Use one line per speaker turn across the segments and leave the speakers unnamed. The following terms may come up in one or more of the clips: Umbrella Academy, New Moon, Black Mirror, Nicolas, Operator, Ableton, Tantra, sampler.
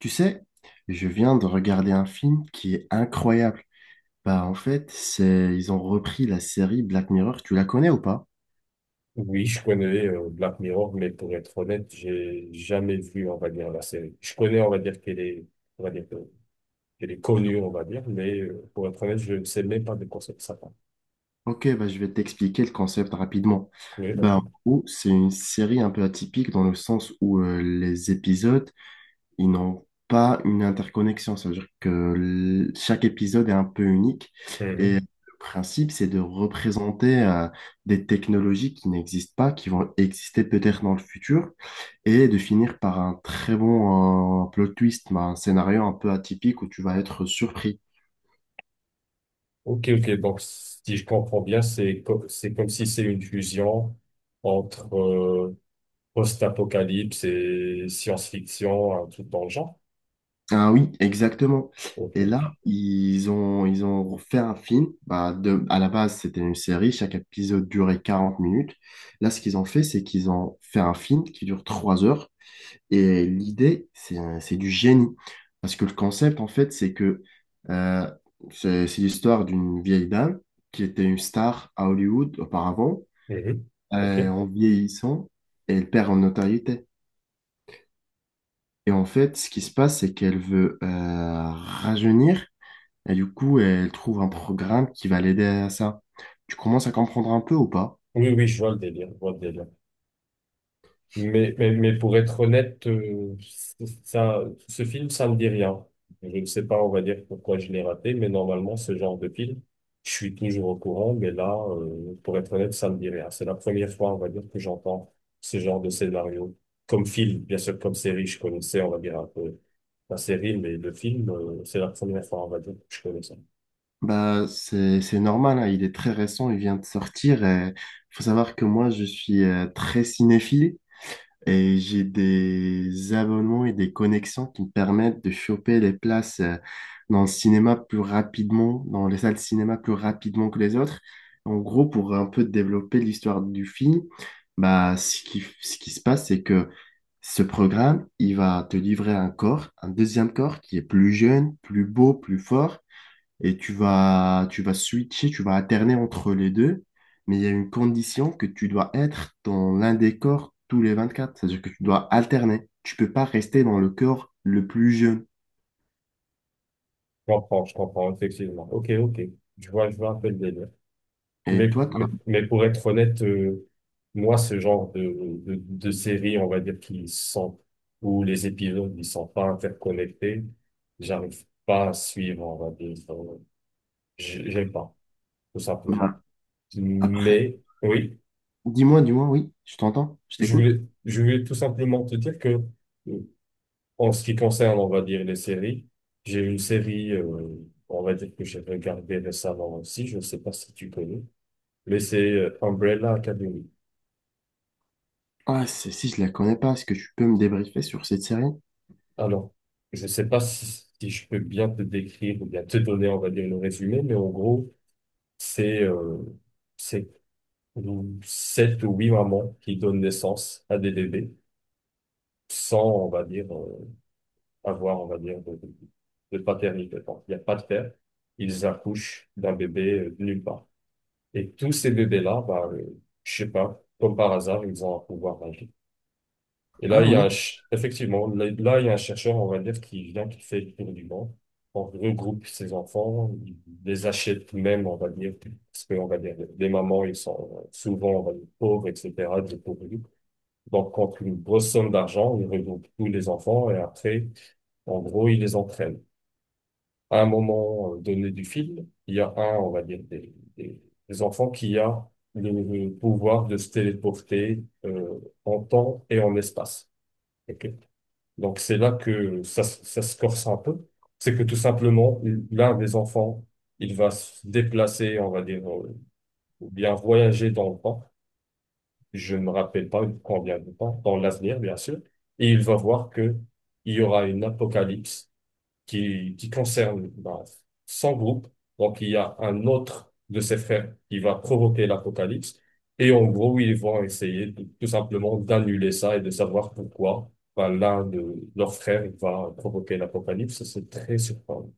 Tu sais, je viens de regarder un film qui est incroyable. Bah en fait, c'est ils ont repris la série Black Mirror. Tu la connais ou pas?
Oui, je connais Black Mirror, mais pour être honnête, j'ai jamais vu, on va dire, la série. Je connais, on va dire, qu'elle est, on va dire, qu'elle est connue, on va dire, mais pour être honnête, je ne sais même pas de quoi ça parle.
Ok, bah je vais t'expliquer le concept rapidement.
Oui,
Bah
vas-y.
en gros, c'est une série un peu atypique dans le sens où les épisodes ils n'ont pas une interconnexion. Ça veut dire que chaque épisode est un peu unique. Et
Mhm.
le principe, c'est de représenter des technologies qui n'existent pas, qui vont exister peut-être dans le futur, et de finir par un très bon plot twist, mais un scénario un peu atypique où tu vas être surpris.
Ok, ok, donc si je comprends bien, c'est comme si c'est une fusion entre post-apocalypse et science-fiction, un truc dans le genre.
Ah oui, exactement.
Ok,
Et
ok.
là, ils ont fait un film. Bah, de, à la base, c'était une série. Chaque épisode durait 40 minutes. Là, ce qu'ils ont fait, c'est qu'ils ont fait un film qui dure 3 heures. Et l'idée, c'est du génie. Parce que le concept, en fait, c'est que euh, c'est l'histoire d'une vieille dame qui était une star à Hollywood auparavant.
Mhm. Ok.
En vieillissant, elle perd en notoriété. Et en fait, ce qui se passe, c'est qu'elle veut rajeunir. Et du coup, elle trouve un programme qui va l'aider à ça. Tu commences à comprendre un peu ou pas?
Oui, oui, je vois le délire, je vois le délire. Mais pour être honnête, ça, ce film, ça me dit rien. Je ne sais pas, on va dire, pourquoi je l'ai raté, mais normalement, ce genre de film, je suis toujours au courant, mais là, pour être honnête, ça me dit rien. C'est la première fois, on va dire, que j'entends ce genre de scénario. Comme film, bien sûr, comme série, je connaissais, on va dire, un peu la série, mais le film, c'est la première fois, on va dire, que je connais ça.
Bah, c'est normal, hein, il est très récent, il vient de sortir. Il faut savoir que moi, je suis très cinéphile. Et j'ai des abonnements et des connexions qui me permettent de choper les places dans le cinéma plus rapidement, dans les salles de cinéma plus rapidement que les autres. En gros, pour un peu développer l'histoire du film, bah, ce qui se passe, c'est que ce programme, il va te livrer un corps, un deuxième corps qui est plus jeune, plus beau, plus fort, et tu vas switcher, tu vas alterner entre les deux, mais il y a une condition que tu dois être dans l'un des corps tous les 24, c'est-à-dire que tu dois alterner. Tu peux pas rester dans le corps le plus jeune.
Je comprends, effectivement. Ok, ok. Je vois un peu le délire. Mais,
Et toi, t'as-
mais, mais pour être honnête, moi, ce genre de série, on va dire, qui sont, où les épisodes, ils sont pas interconnectés, j'arrive pas à suivre, on va dire. J'aime pas, tout simplement.
Bah, après,
Mais, oui,
dis-moi, oui, je t'entends, je
je
t'écoute.
voulais, je voulais tout simplement te dire que, euh, en ce qui concerne, on va dire, les séries, j'ai une série, on va dire, que j'ai regardée récemment aussi, je ne sais pas si tu connais, mais c'est Umbrella Academy.
Ah, celle-ci, je la connais pas, est-ce que tu peux me débriefer sur cette série?
Alors, je ne sais pas si je peux bien te décrire ou bien te donner, on va dire, le résumé, mais en gros, c'est euh, c'est sept ou huit mamans qui donnent naissance à des bébés sans, on va dire, avoir, on va dire, de paternité. Donc, il n'y a pas de père. Ils accouchent d'un bébé de nulle part. Et tous ces bébés-là, bah, je sais pas, comme par hasard, ils ont un pouvoir magique. Et là,
Ah
il y a
ouais.
effectivement, il y a un chercheur, on va dire, qui vient, qui fait le tour du monde, on regroupe ses enfants, il les achète même, on va dire, parce que, on va dire, les mamans, ils sont souvent, on va dire, pauvres, etc., dépourvus. Donc, contre une grosse somme d'argent, il regroupe tous les enfants et après, en gros, il les entraîne. À un moment donné du film, il y a un, on va dire, des enfants qui a le pouvoir de se téléporter en temps et en espace. Ok donc c'est là que ça se corse un peu. C'est que tout simplement, l'un des enfants, il va se déplacer, on va dire, ou bien voyager dans le temps. Je ne me rappelle pas combien de temps, dans l'avenir, bien sûr. Et il va voir que il y aura une apocalypse qui concerne bah, 100 groupes. Donc, il y a un autre de ses frères qui va provoquer l'apocalypse. Et en gros, ils vont essayer tout simplement d'annuler ça et de savoir pourquoi bah, l'un de leurs frères va provoquer l'apocalypse. C'est très surprenant.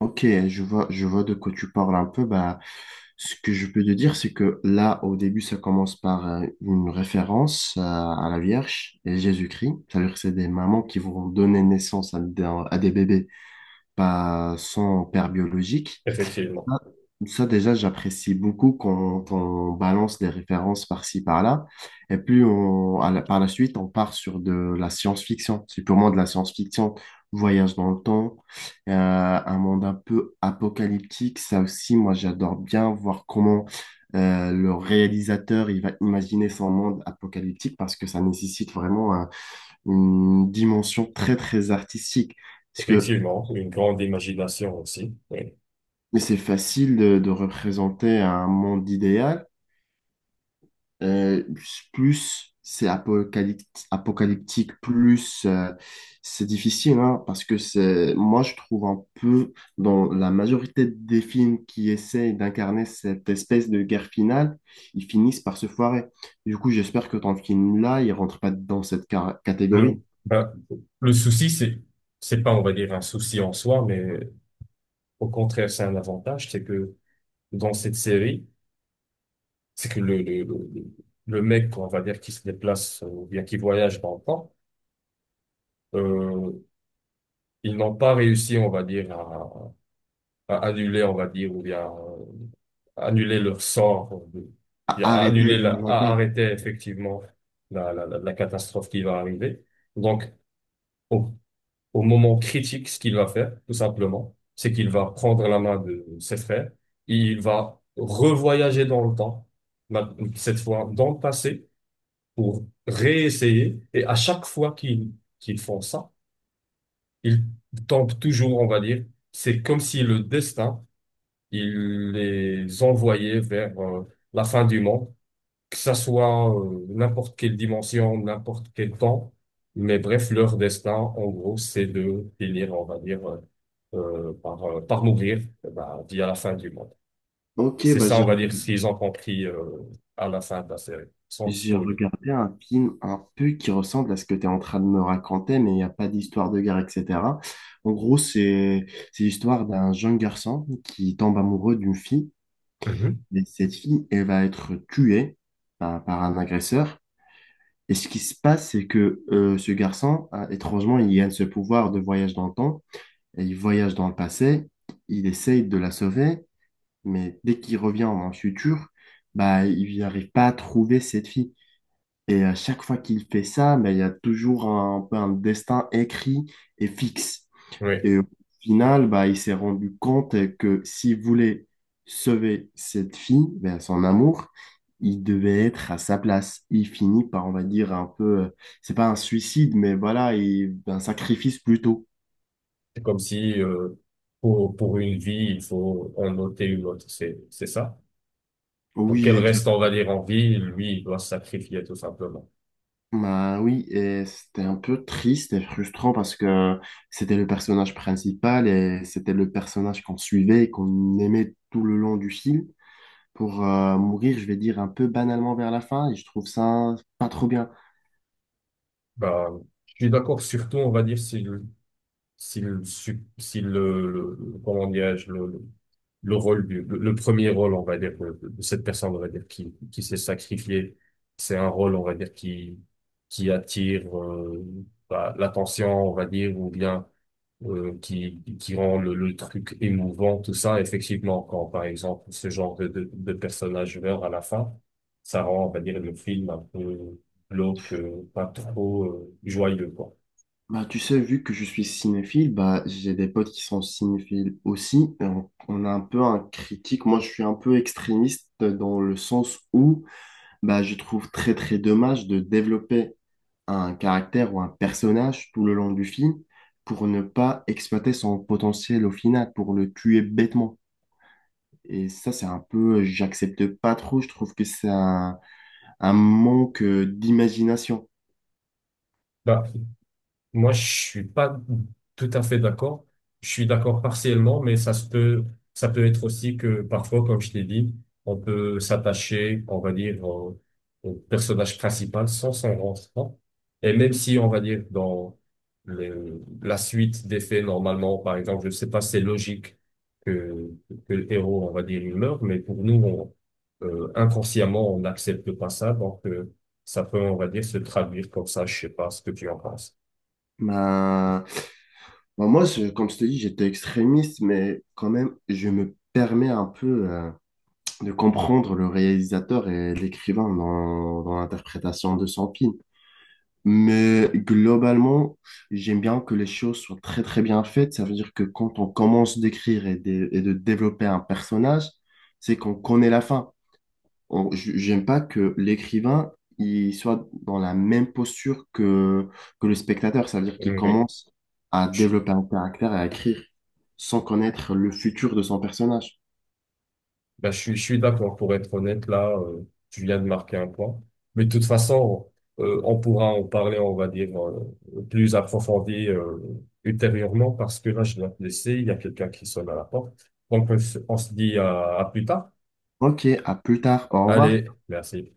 Ok, je vois de quoi tu parles un peu. Bah, ce que je peux te dire, c'est que là, au début, ça commence par une référence à la Vierge et Jésus-Christ. C'est-à-dire que c'est des mamans qui vont donner naissance à des bébés, pas sans père biologique.
Effectivement.
Ça, ça, déjà, j'apprécie beaucoup quand on balance des références par-ci, par-là. Et puis, à la- par la suite, on part sur de la science-fiction. C'est purement de la science-fiction. Voyage dans le temps, euh, un monde un peu apocalyptique. Ça aussi, moi, j'adore bien voir comment le réalisateur il va imaginer son monde apocalyptique parce que ça nécessite vraiment une dimension très, très artistique. Parce que
Effectivement, une grande imagination aussi. Oui.
mais c'est facile de représenter un monde idéal. Euh, plus c'est apocalyptique, plus c'est difficile, hein, parce que c'est, moi je trouve un peu dans la majorité des films qui essayent d'incarner cette espèce de guerre finale, ils finissent par se foirer. Du coup, j'espère que ton film-là, il rentre pas dans cette
Le,
catégorie.
ben, le souci, c'est, pas, on va dire, un souci en soi, mais au contraire, c'est un avantage, c'est que dans cette série, c'est que le- mec, on va dire, qui se déplace ou bien qui voyage dans le temps, euh, ils n'ont pas réussi, on va dire, à annuler, on va dire, ou bien annuler leur sort,
A-
bien, à
Arrêtez
annuler,
la, la
à
guerre.
arrêter effectivement la catastrophe qui va arriver. Donc, au, au moment critique, ce qu'il va faire, tout simplement, c'est qu'il va prendre la main de ses frères, il va revoyager dans le temps, ma- cette fois dans le passé, pour réessayer. Et à chaque fois qu'ils font ça, ils tombent toujours, on va dire. C'est comme si le destin, il les envoyait vers la fin du monde, que ça soit n'importe quelle dimension, n'importe quel temps. Mais bref, leur destin, en gros, c'est de finir, on va dire, par mourir eh ben, via la fin du monde.
Ok,
C'est
bah
ça,
j'ai
on va dire, ce qu'ils ont compris à la fin de la série, sans
J'ai
spoiler.
regardé un film un peu qui ressemble à ce que tu es en train de me raconter, mais il n'y a pas d'histoire de guerre, etc. En gros, c'est l'histoire d'un jeune garçon qui tombe amoureux d'une fille,
Mhm.
et cette fille, elle va être tuée par un agresseur. Et ce qui se passe, c'est que ce garçon, étrangement, il gagne ce pouvoir de voyage dans le temps, et il voyage dans le passé, il essaye de la sauver, mais dès qu'il revient dans le futur, bah, il n'arrive pas à trouver cette fille. Et à chaque fois qu'il fait ça, ben, il y a toujours un peu un destin écrit et fixe.
Oui.
Et au final, bah, il s'est rendu compte que s'il voulait sauver cette fille, ben, son amour, il devait être à sa place. Il finit par, on va dire, un peu, c'est pas un suicide, mais voilà, un sacrifice plutôt.
C'est comme si pour une vie, il faut en ôter une autre. C'est ça. Pour qu'elle
Oui,
reste, on va dire, en vie, lui, il doit se sacrifier tout simplement.
bah oui, et c'était un peu triste et frustrant parce que c'était le personnage principal et c'était le personnage qu'on suivait et qu'on aimait tout le long du film pour mourir, je vais dire, un peu banalement vers la fin et je trouve ça pas trop bien.
Ben, je suis d'accord, surtout, on va dire, si le, comment dirais-je, le rôle du, le premier rôle, on va dire, de cette personne, on va dire, qui s'est sacrifiée, c'est un rôle, on va dire, qui attire bah, l'attention, on va dire, ou bien qui rend le truc émouvant, tout ça. Effectivement, quand par exemple ce genre de personnage meurt à la fin, ça rend, on va dire, le film un peu glauque, pas trop joyeux, quoi.
Bah tu sais, vu que je suis cinéphile, bah j'ai des potes qui sont cinéphiles aussi. Et on a un peu un critique. Moi, je suis un peu extrémiste dans le sens où bah je trouve très très dommage de développer un caractère ou un personnage tout le long du film pour ne pas exploiter son potentiel au final, pour le tuer bêtement. Et ça, c'est un peu, j'accepte pas trop, je trouve que c'est un manque d'imagination.
Bah, moi, je suis pas tout à fait d'accord. Je suis d'accord partiellement, mais ça se peut, ça peut être aussi que parfois, comme je l'ai dit, on peut s'attacher, on va dire, au, au personnage principal sans s'en rendre compte. Et même si, on va dire, dans la suite des faits, normalement, par exemple, je sais pas, c'est logique que, que le héros, on va dire, il meurt, mais pour nous, inconsciemment, on n'accepte pas ça, donc, ça peut, on va dire, se traduire comme ça. Je sais pas ce que tu en penses.
Ben, ben moi, comme je te dis, j'étais extrémiste, mais quand même, je me permets un peu de comprendre le réalisateur et l'écrivain dans l'interprétation de son film. Mais globalement, j'aime bien que les choses soient très très bien faites. Ça veut dire que quand on commence d'écrire et de développer un personnage, c'est qu'on connaît la fin. J'aime pas que l'écrivain il soit dans la même posture que le spectateur. Ça veut dire qu'il
Oui,
commence à
je,
développer un caractère et à écrire sans connaître le futur de son personnage.
je suis d'accord. Pour être honnête, là, tu viens de marquer un point. Mais de toute façon, on pourra en parler, on va dire, plus approfondi ultérieurement, parce que là, je dois te laisser. Il y a quelqu'un qui sonne à la porte. Donc, on se dit à plus tard.
Ok, à plus tard. Au revoir.
Allez, merci.